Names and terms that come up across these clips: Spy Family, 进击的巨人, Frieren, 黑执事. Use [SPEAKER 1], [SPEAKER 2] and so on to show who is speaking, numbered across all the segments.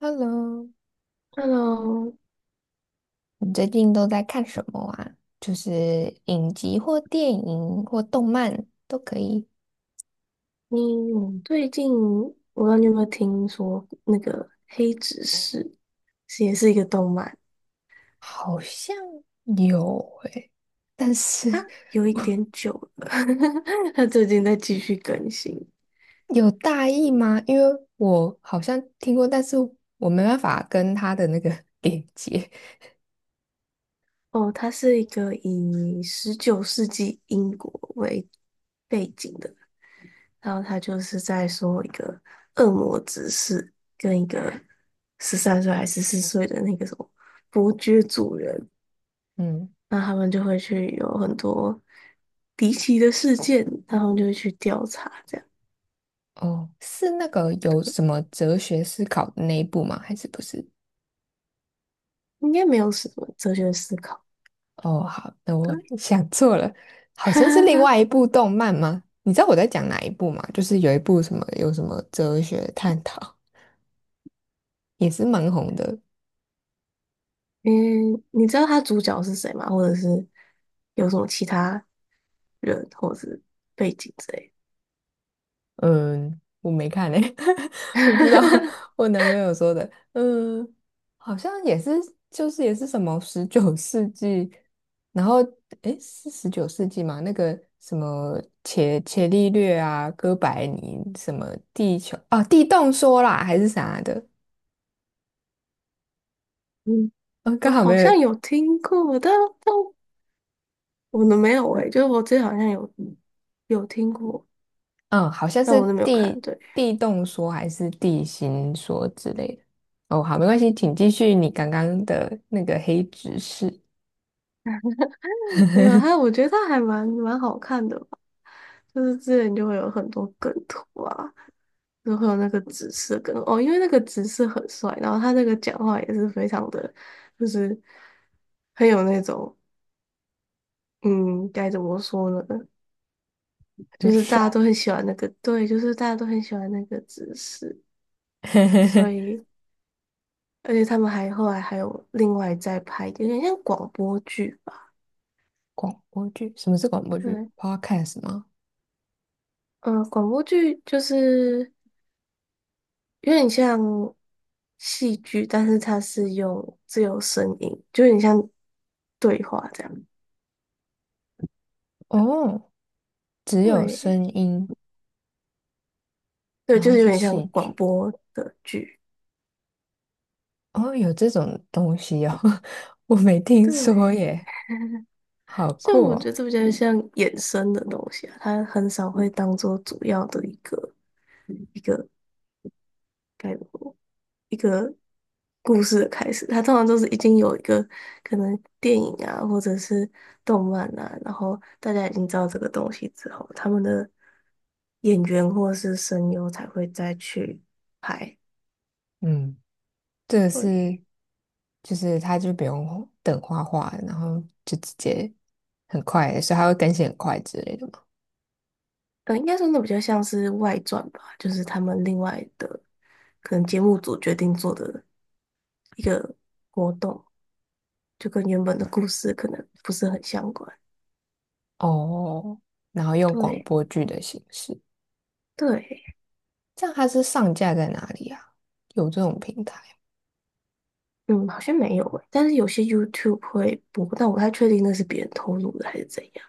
[SPEAKER 1] Hello，
[SPEAKER 2] Hello，
[SPEAKER 1] 你最近都在看什么啊？就是影集或电影或动漫都可以。
[SPEAKER 2] 你最近我不知道你有没有听说那个《黑执事》是也是一个动漫
[SPEAKER 1] 好像有诶、但是
[SPEAKER 2] 啊，有一点久了，它最近在继续更新
[SPEAKER 1] 有大意吗？因为我好像听过，但是我没办法跟他的那个 连接。
[SPEAKER 2] 哦。它是一个以19世纪英国为背景的，然后它就是在说一个恶魔执事跟一个13岁还是14岁的那个什么伯爵主人
[SPEAKER 1] 嗯，
[SPEAKER 2] 那他们就会去有很多离奇的事件，他们就会去调查，这样
[SPEAKER 1] 哦，是那个有什么哲学思考的那一部吗？还是不是？
[SPEAKER 2] 应该没有什么哲学思考。
[SPEAKER 1] 哦，好那我
[SPEAKER 2] 对，
[SPEAKER 1] 想错了，好像是另 外一部动漫吗？你知道我在讲哪一部吗？就是有一部什么有什么哲学探讨，也是蛮红的。
[SPEAKER 2] 嗯，你知道他主角是谁吗？或者是有什么其他人或者是背景之类
[SPEAKER 1] 嗯，我没看诶、
[SPEAKER 2] 的？
[SPEAKER 1] 我不知道 我男朋友说的。嗯，好像也是，就是也是什么十九世纪，然后诶，是十九世纪吗？那个什么伽利略啊，哥白尼什么地球啊，地动说啦，还是啥的？
[SPEAKER 2] 嗯，
[SPEAKER 1] 啊，
[SPEAKER 2] 我
[SPEAKER 1] 刚好没
[SPEAKER 2] 好
[SPEAKER 1] 有，
[SPEAKER 2] 像有听过，但我的没有诶、就是我之前好像有听过，
[SPEAKER 1] 嗯，好像
[SPEAKER 2] 但
[SPEAKER 1] 是
[SPEAKER 2] 我都没有看。
[SPEAKER 1] 地
[SPEAKER 2] 对。
[SPEAKER 1] 地动说还是地心说之类的。哦，好，没关系，请继续你刚刚的那个黑执事，
[SPEAKER 2] 没有，还我 觉得他还蛮好看的吧，就是之前就会有很多梗图啊，就会有那个紫色梗哦，因为那个紫色很帅，然后他那个讲话也是非常的，就是很有那种，嗯，该怎么说呢？就
[SPEAKER 1] 很
[SPEAKER 2] 是大家
[SPEAKER 1] 帅。
[SPEAKER 2] 都很喜欢那个，对，就是大家都很喜欢那个紫色，所 以而且他们还后来还有另外再拍，有点像广播剧吧，
[SPEAKER 1] 广播剧，什么是广播剧
[SPEAKER 2] 对。
[SPEAKER 1] ？Podcast 吗？
[SPEAKER 2] 嗯，广播剧就是有点像戏剧，但是它是用自由声音，就有点像对话这样。
[SPEAKER 1] 哦，只有
[SPEAKER 2] 对，
[SPEAKER 1] 声音，
[SPEAKER 2] 对，
[SPEAKER 1] 然
[SPEAKER 2] 就
[SPEAKER 1] 后
[SPEAKER 2] 是有
[SPEAKER 1] 是
[SPEAKER 2] 点像
[SPEAKER 1] 戏
[SPEAKER 2] 广
[SPEAKER 1] 剧。
[SPEAKER 2] 播的剧。
[SPEAKER 1] 哦，有这种东西哦，我没听说
[SPEAKER 2] 对，
[SPEAKER 1] 耶，好
[SPEAKER 2] 所以
[SPEAKER 1] 酷
[SPEAKER 2] 我觉得
[SPEAKER 1] 哦。
[SPEAKER 2] 这比较像衍生的东西啊，它很少会当做主要的一个概括。故事的开始，它通常都是已经有一个可能电影啊，或者是动漫啊，然后大家已经知道这个东西之后，他们的演员或者是声优才会再去拍。
[SPEAKER 1] 嗯。这个
[SPEAKER 2] 对，
[SPEAKER 1] 是就是他就不用等画画，然后就直接很快，所以他会更新很快之类的嘛。
[SPEAKER 2] 应该说那比较像是外传吧，就是他们另外的可能节目组决定做的一个活动，就跟原本的故事可能不是很相关。
[SPEAKER 1] 哦，然后用广
[SPEAKER 2] 对
[SPEAKER 1] 播剧的形式，
[SPEAKER 2] 对。
[SPEAKER 1] 这样它是上架在哪里啊？有这种平台？
[SPEAKER 2] 嗯，好像没有诶，但是有些 YouTube 会播，但我不太确定那是别人透露的还是怎样。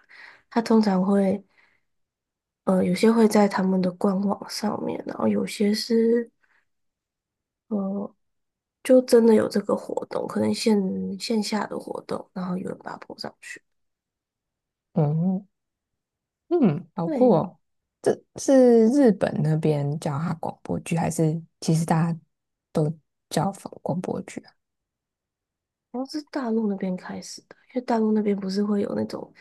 [SPEAKER 2] 他通常会，有些会在他们的官网上面，然后有些是，呃，就真的有这个活动，可能线下的活动，然后有人把它播上去。
[SPEAKER 1] 嗯嗯，好酷
[SPEAKER 2] 对，
[SPEAKER 1] 哦！这是日本那边叫它广播剧，还是其实大家都叫广播剧啊？
[SPEAKER 2] 好像是大陆那边开始的，因为大陆那边不是会有那种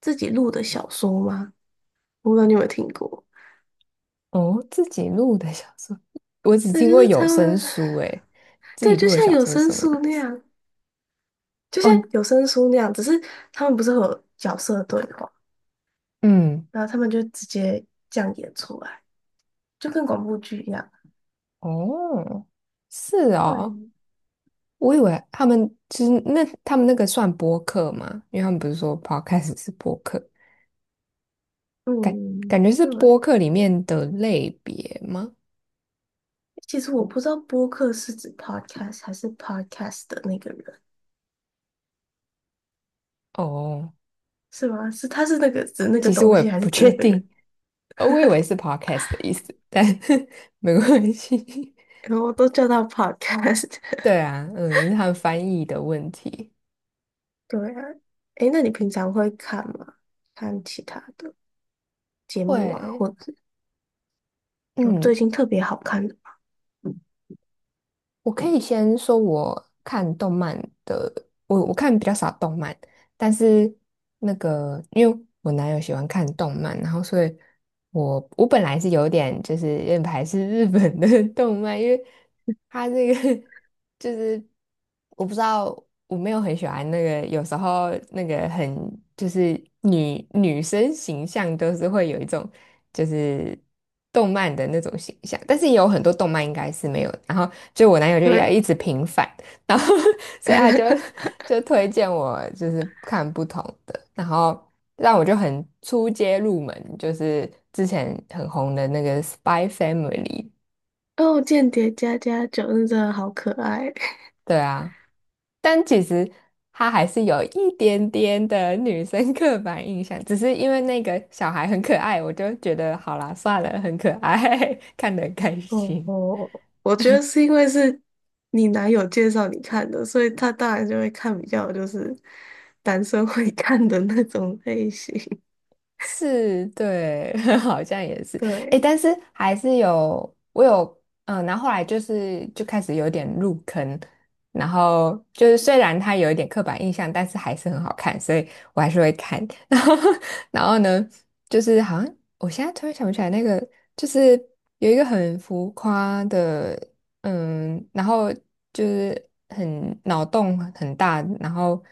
[SPEAKER 2] 自己录的小说吗？我不知道你有没有听过，
[SPEAKER 1] 哦，自己录的小说，我只
[SPEAKER 2] 对，
[SPEAKER 1] 听
[SPEAKER 2] 就
[SPEAKER 1] 过
[SPEAKER 2] 是
[SPEAKER 1] 有
[SPEAKER 2] 他
[SPEAKER 1] 声
[SPEAKER 2] 们，
[SPEAKER 1] 书，诶，自己
[SPEAKER 2] 对，就
[SPEAKER 1] 录的
[SPEAKER 2] 像
[SPEAKER 1] 小
[SPEAKER 2] 有
[SPEAKER 1] 说是
[SPEAKER 2] 声
[SPEAKER 1] 什么
[SPEAKER 2] 书
[SPEAKER 1] 意
[SPEAKER 2] 那
[SPEAKER 1] 思？
[SPEAKER 2] 样。就像
[SPEAKER 1] 哦，
[SPEAKER 2] 有声书那样，只是他们不是会有角色对话，
[SPEAKER 1] 嗯，
[SPEAKER 2] 然后他们就直接这样演出来，就跟广播剧一样。
[SPEAKER 1] 哦，是哦，
[SPEAKER 2] 对，
[SPEAKER 1] 我以为他们就是那他们那个算播客吗？因为他们不是说 podcast 是播客，感
[SPEAKER 2] 嗯，
[SPEAKER 1] 感觉是
[SPEAKER 2] 对。
[SPEAKER 1] 播客里面的类别吗？
[SPEAKER 2] 其实我不知道播客是指 podcast 还是 podcast 的那个人，
[SPEAKER 1] 哦，
[SPEAKER 2] 是吗？是他是那个指那个
[SPEAKER 1] 其实
[SPEAKER 2] 东
[SPEAKER 1] 我也
[SPEAKER 2] 西，还是
[SPEAKER 1] 不
[SPEAKER 2] 指
[SPEAKER 1] 确
[SPEAKER 2] 那个人？
[SPEAKER 1] 定，我以为是 podcast 的意思，但 没关系。
[SPEAKER 2] 然后我都叫他 podcast。
[SPEAKER 1] 对啊，嗯，是他们翻译的问题。
[SPEAKER 2] 对啊，诶，那你平常会看吗？看其他的节目啊，
[SPEAKER 1] 会，
[SPEAKER 2] 或者有
[SPEAKER 1] 嗯，
[SPEAKER 2] 最近特别好看的吗？
[SPEAKER 1] 我可以先说我看动漫的，我看比较少动漫。但是那个，因为我男友喜欢看动漫，然后所以我本来是有点就是有点排斥日本的 动漫，因为他这个 就是我不知道，我没有很喜欢那个，有时候那个很就是女生形象都是会有一种就是动漫的那种形象，但是也有很多动漫应该是没有的然后就我男友就要
[SPEAKER 2] 对。
[SPEAKER 1] 一直平反。然后 所以他就 推荐我就是看不同的，然后让我就很出街入门，就是之前很红的那个《Spy Family》，
[SPEAKER 2] 哦，间谍加加九那真的好可爱。
[SPEAKER 1] 对啊，但其实他还是有一点点的女生刻板印象，只是因为那个小孩很可爱，我就觉得好啦，算了，很可爱，看得很开
[SPEAKER 2] 哦
[SPEAKER 1] 心。
[SPEAKER 2] 哦，我觉得是因为是你男友介绍你看的，所以他当然就会看比较就是男生会看的那种类型。
[SPEAKER 1] 是，对，好像也 是，诶，
[SPEAKER 2] 对，
[SPEAKER 1] 但是还是有，我有，嗯，然后后来就是就开始有点入坑，然后就是虽然它有一点刻板印象，但是还是很好看，所以我还是会看。然后，然后呢，就是好像我现在突然想不起来那个，就是有一个很浮夸的，嗯，然后就是很脑洞很大，然后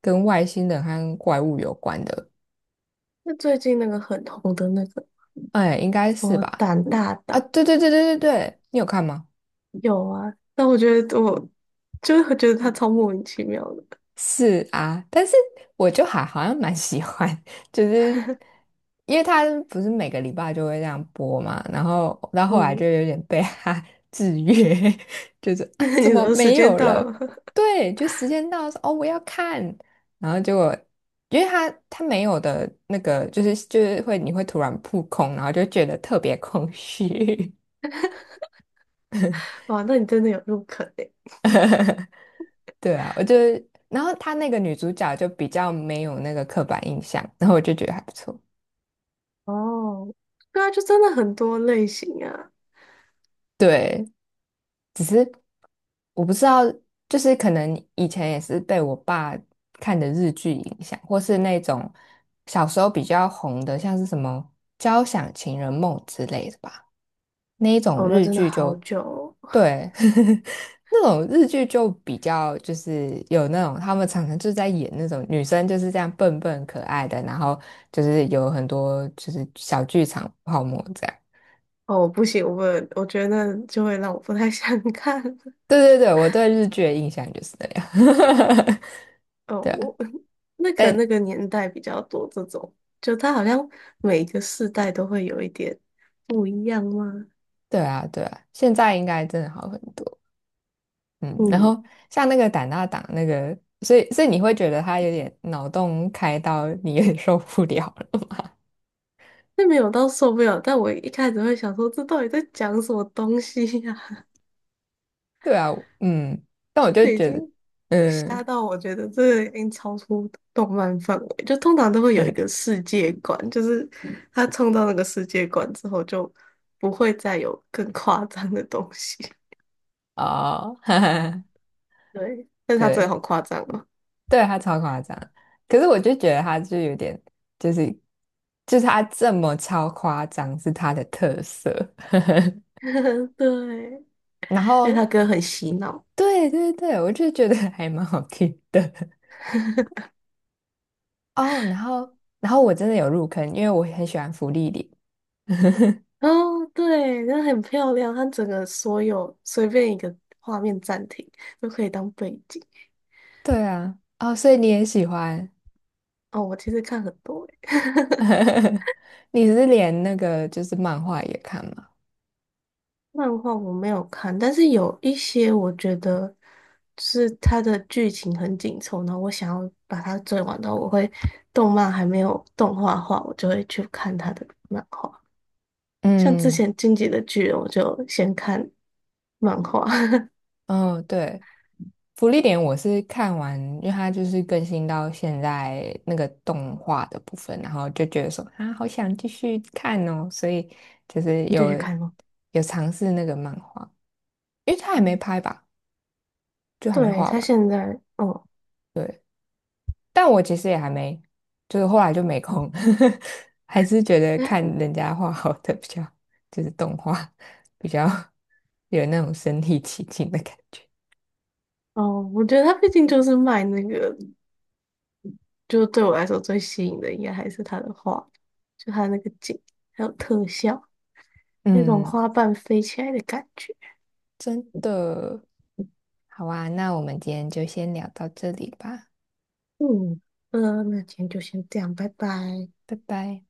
[SPEAKER 1] 跟外星人和怪物有关的。
[SPEAKER 2] 那最近那个很红的那个
[SPEAKER 1] 哎，应该
[SPEAKER 2] 什
[SPEAKER 1] 是
[SPEAKER 2] 么
[SPEAKER 1] 吧？
[SPEAKER 2] 胆大
[SPEAKER 1] 啊，
[SPEAKER 2] 党
[SPEAKER 1] 对对对对对对，你有看吗？
[SPEAKER 2] 有啊，但我觉得我就会觉得他超莫名其妙的。
[SPEAKER 1] 是啊，但是我就还好像蛮喜欢，就是因为他不是每个礼拜就会这样播嘛，然后到后来就
[SPEAKER 2] 嗯，
[SPEAKER 1] 有点被他 制约，就是
[SPEAKER 2] 那
[SPEAKER 1] 啊，怎
[SPEAKER 2] 你
[SPEAKER 1] 么
[SPEAKER 2] 说时
[SPEAKER 1] 没
[SPEAKER 2] 间
[SPEAKER 1] 有
[SPEAKER 2] 到
[SPEAKER 1] 了？
[SPEAKER 2] 了，
[SPEAKER 1] 对，就时间到说哦，我要看，然后结果因为他没有的那个，就是会你会突然扑空，然后就觉得特别空虚。
[SPEAKER 2] 哇，那你真的有入坑诶。
[SPEAKER 1] 对啊，我就，然后她那个女主角就比较没有那个刻板印象，然后我就觉得还不错。
[SPEAKER 2] 哦，对啊，就真的很多类型啊。
[SPEAKER 1] 对，我不知道，就是可能以前也是被我爸看的日剧影响，或是那种小时候比较红的，像是什么《交响情人梦》之类的吧，那一种
[SPEAKER 2] 哦，那
[SPEAKER 1] 日
[SPEAKER 2] 真的
[SPEAKER 1] 剧
[SPEAKER 2] 好
[SPEAKER 1] 就
[SPEAKER 2] 久哦，
[SPEAKER 1] 对，那种日剧就比较就是有那种他们常常就是在演那种女生就是这样笨笨可爱的，然后就是有很多就是小剧场泡沫这样。
[SPEAKER 2] 哦，不行，我觉得就会让我不太想 看
[SPEAKER 1] 对对对，我对日剧的印象就是那样。
[SPEAKER 2] 哦，
[SPEAKER 1] 对啊，
[SPEAKER 2] 我那可能
[SPEAKER 1] 但
[SPEAKER 2] 那个年代比较多这种，就它好像每个世代都会有一点不一样吗？
[SPEAKER 1] 对啊，现在应该真的好很多。嗯，然
[SPEAKER 2] 嗯，
[SPEAKER 1] 后像那个胆大党那个，所以你会觉得他有点脑洞开到你有点受不了了。
[SPEAKER 2] 那没有到受不了，但我一开始会想说，这到底在讲什么东西呀、
[SPEAKER 1] 对啊，嗯，但我就
[SPEAKER 2] 就已
[SPEAKER 1] 觉
[SPEAKER 2] 经
[SPEAKER 1] 得。
[SPEAKER 2] 吓
[SPEAKER 1] 嗯，
[SPEAKER 2] 到我觉得这个已经超出动漫范围，就通常都会有一个世界观，就是他冲到那个世界观之后，就不会再有更夸张的东西。
[SPEAKER 1] 哦，哈哈，
[SPEAKER 2] 对，但是他真的
[SPEAKER 1] 对，
[SPEAKER 2] 好夸张哦，
[SPEAKER 1] 对他超夸张，可是我就觉得他就有点，就是就是他这么超夸张是他的特色，
[SPEAKER 2] 对，
[SPEAKER 1] 然
[SPEAKER 2] 因为
[SPEAKER 1] 后
[SPEAKER 2] 他歌很洗脑。
[SPEAKER 1] 对对对，我就觉得还蛮好听的 哦，然后我真的有入坑，因为我很喜欢芙莉莲，
[SPEAKER 2] 哦，对，那很漂亮，它整个所有随便一个画面暂停都可以当背景。
[SPEAKER 1] 对啊，哦，所以你也喜欢，
[SPEAKER 2] 哦，我其实看很多欸
[SPEAKER 1] 你是连那个就是漫画也看吗？
[SPEAKER 2] 漫画我没有看，但是有一些我觉得是它的剧情很紧凑，然后我想要把它追完的话，我会动漫还没有动画化，我就会去看它的漫画。像之
[SPEAKER 1] 嗯，
[SPEAKER 2] 前《进击的巨人》，我就先看漫画，
[SPEAKER 1] 哦，对。福利点我是看完，因为它就是更新到现在那个动画的部分，然后就觉得说啊，好想继续看哦，所以就是
[SPEAKER 2] 你就去看吗？
[SPEAKER 1] 有尝试那个漫画，因为它还没
[SPEAKER 2] 哦，
[SPEAKER 1] 拍吧，就还没
[SPEAKER 2] 对，
[SPEAKER 1] 画
[SPEAKER 2] 他
[SPEAKER 1] 完。
[SPEAKER 2] 现在，哦
[SPEAKER 1] 但我其实也还没，就是后来就没空，还是觉得看人家画好的比较，就是动画比较 有那种身临其境的感觉。
[SPEAKER 2] 哦，我觉得他毕竟就是卖那个，就对我来说最吸引的应该还是他的画，就他那个景，还有特效，那种
[SPEAKER 1] 嗯，
[SPEAKER 2] 花瓣飞起来的感觉。
[SPEAKER 1] 真的。好啊，那我们今天就先聊到这里吧，
[SPEAKER 2] 嗯，那今天就先这样，拜拜。
[SPEAKER 1] 拜拜。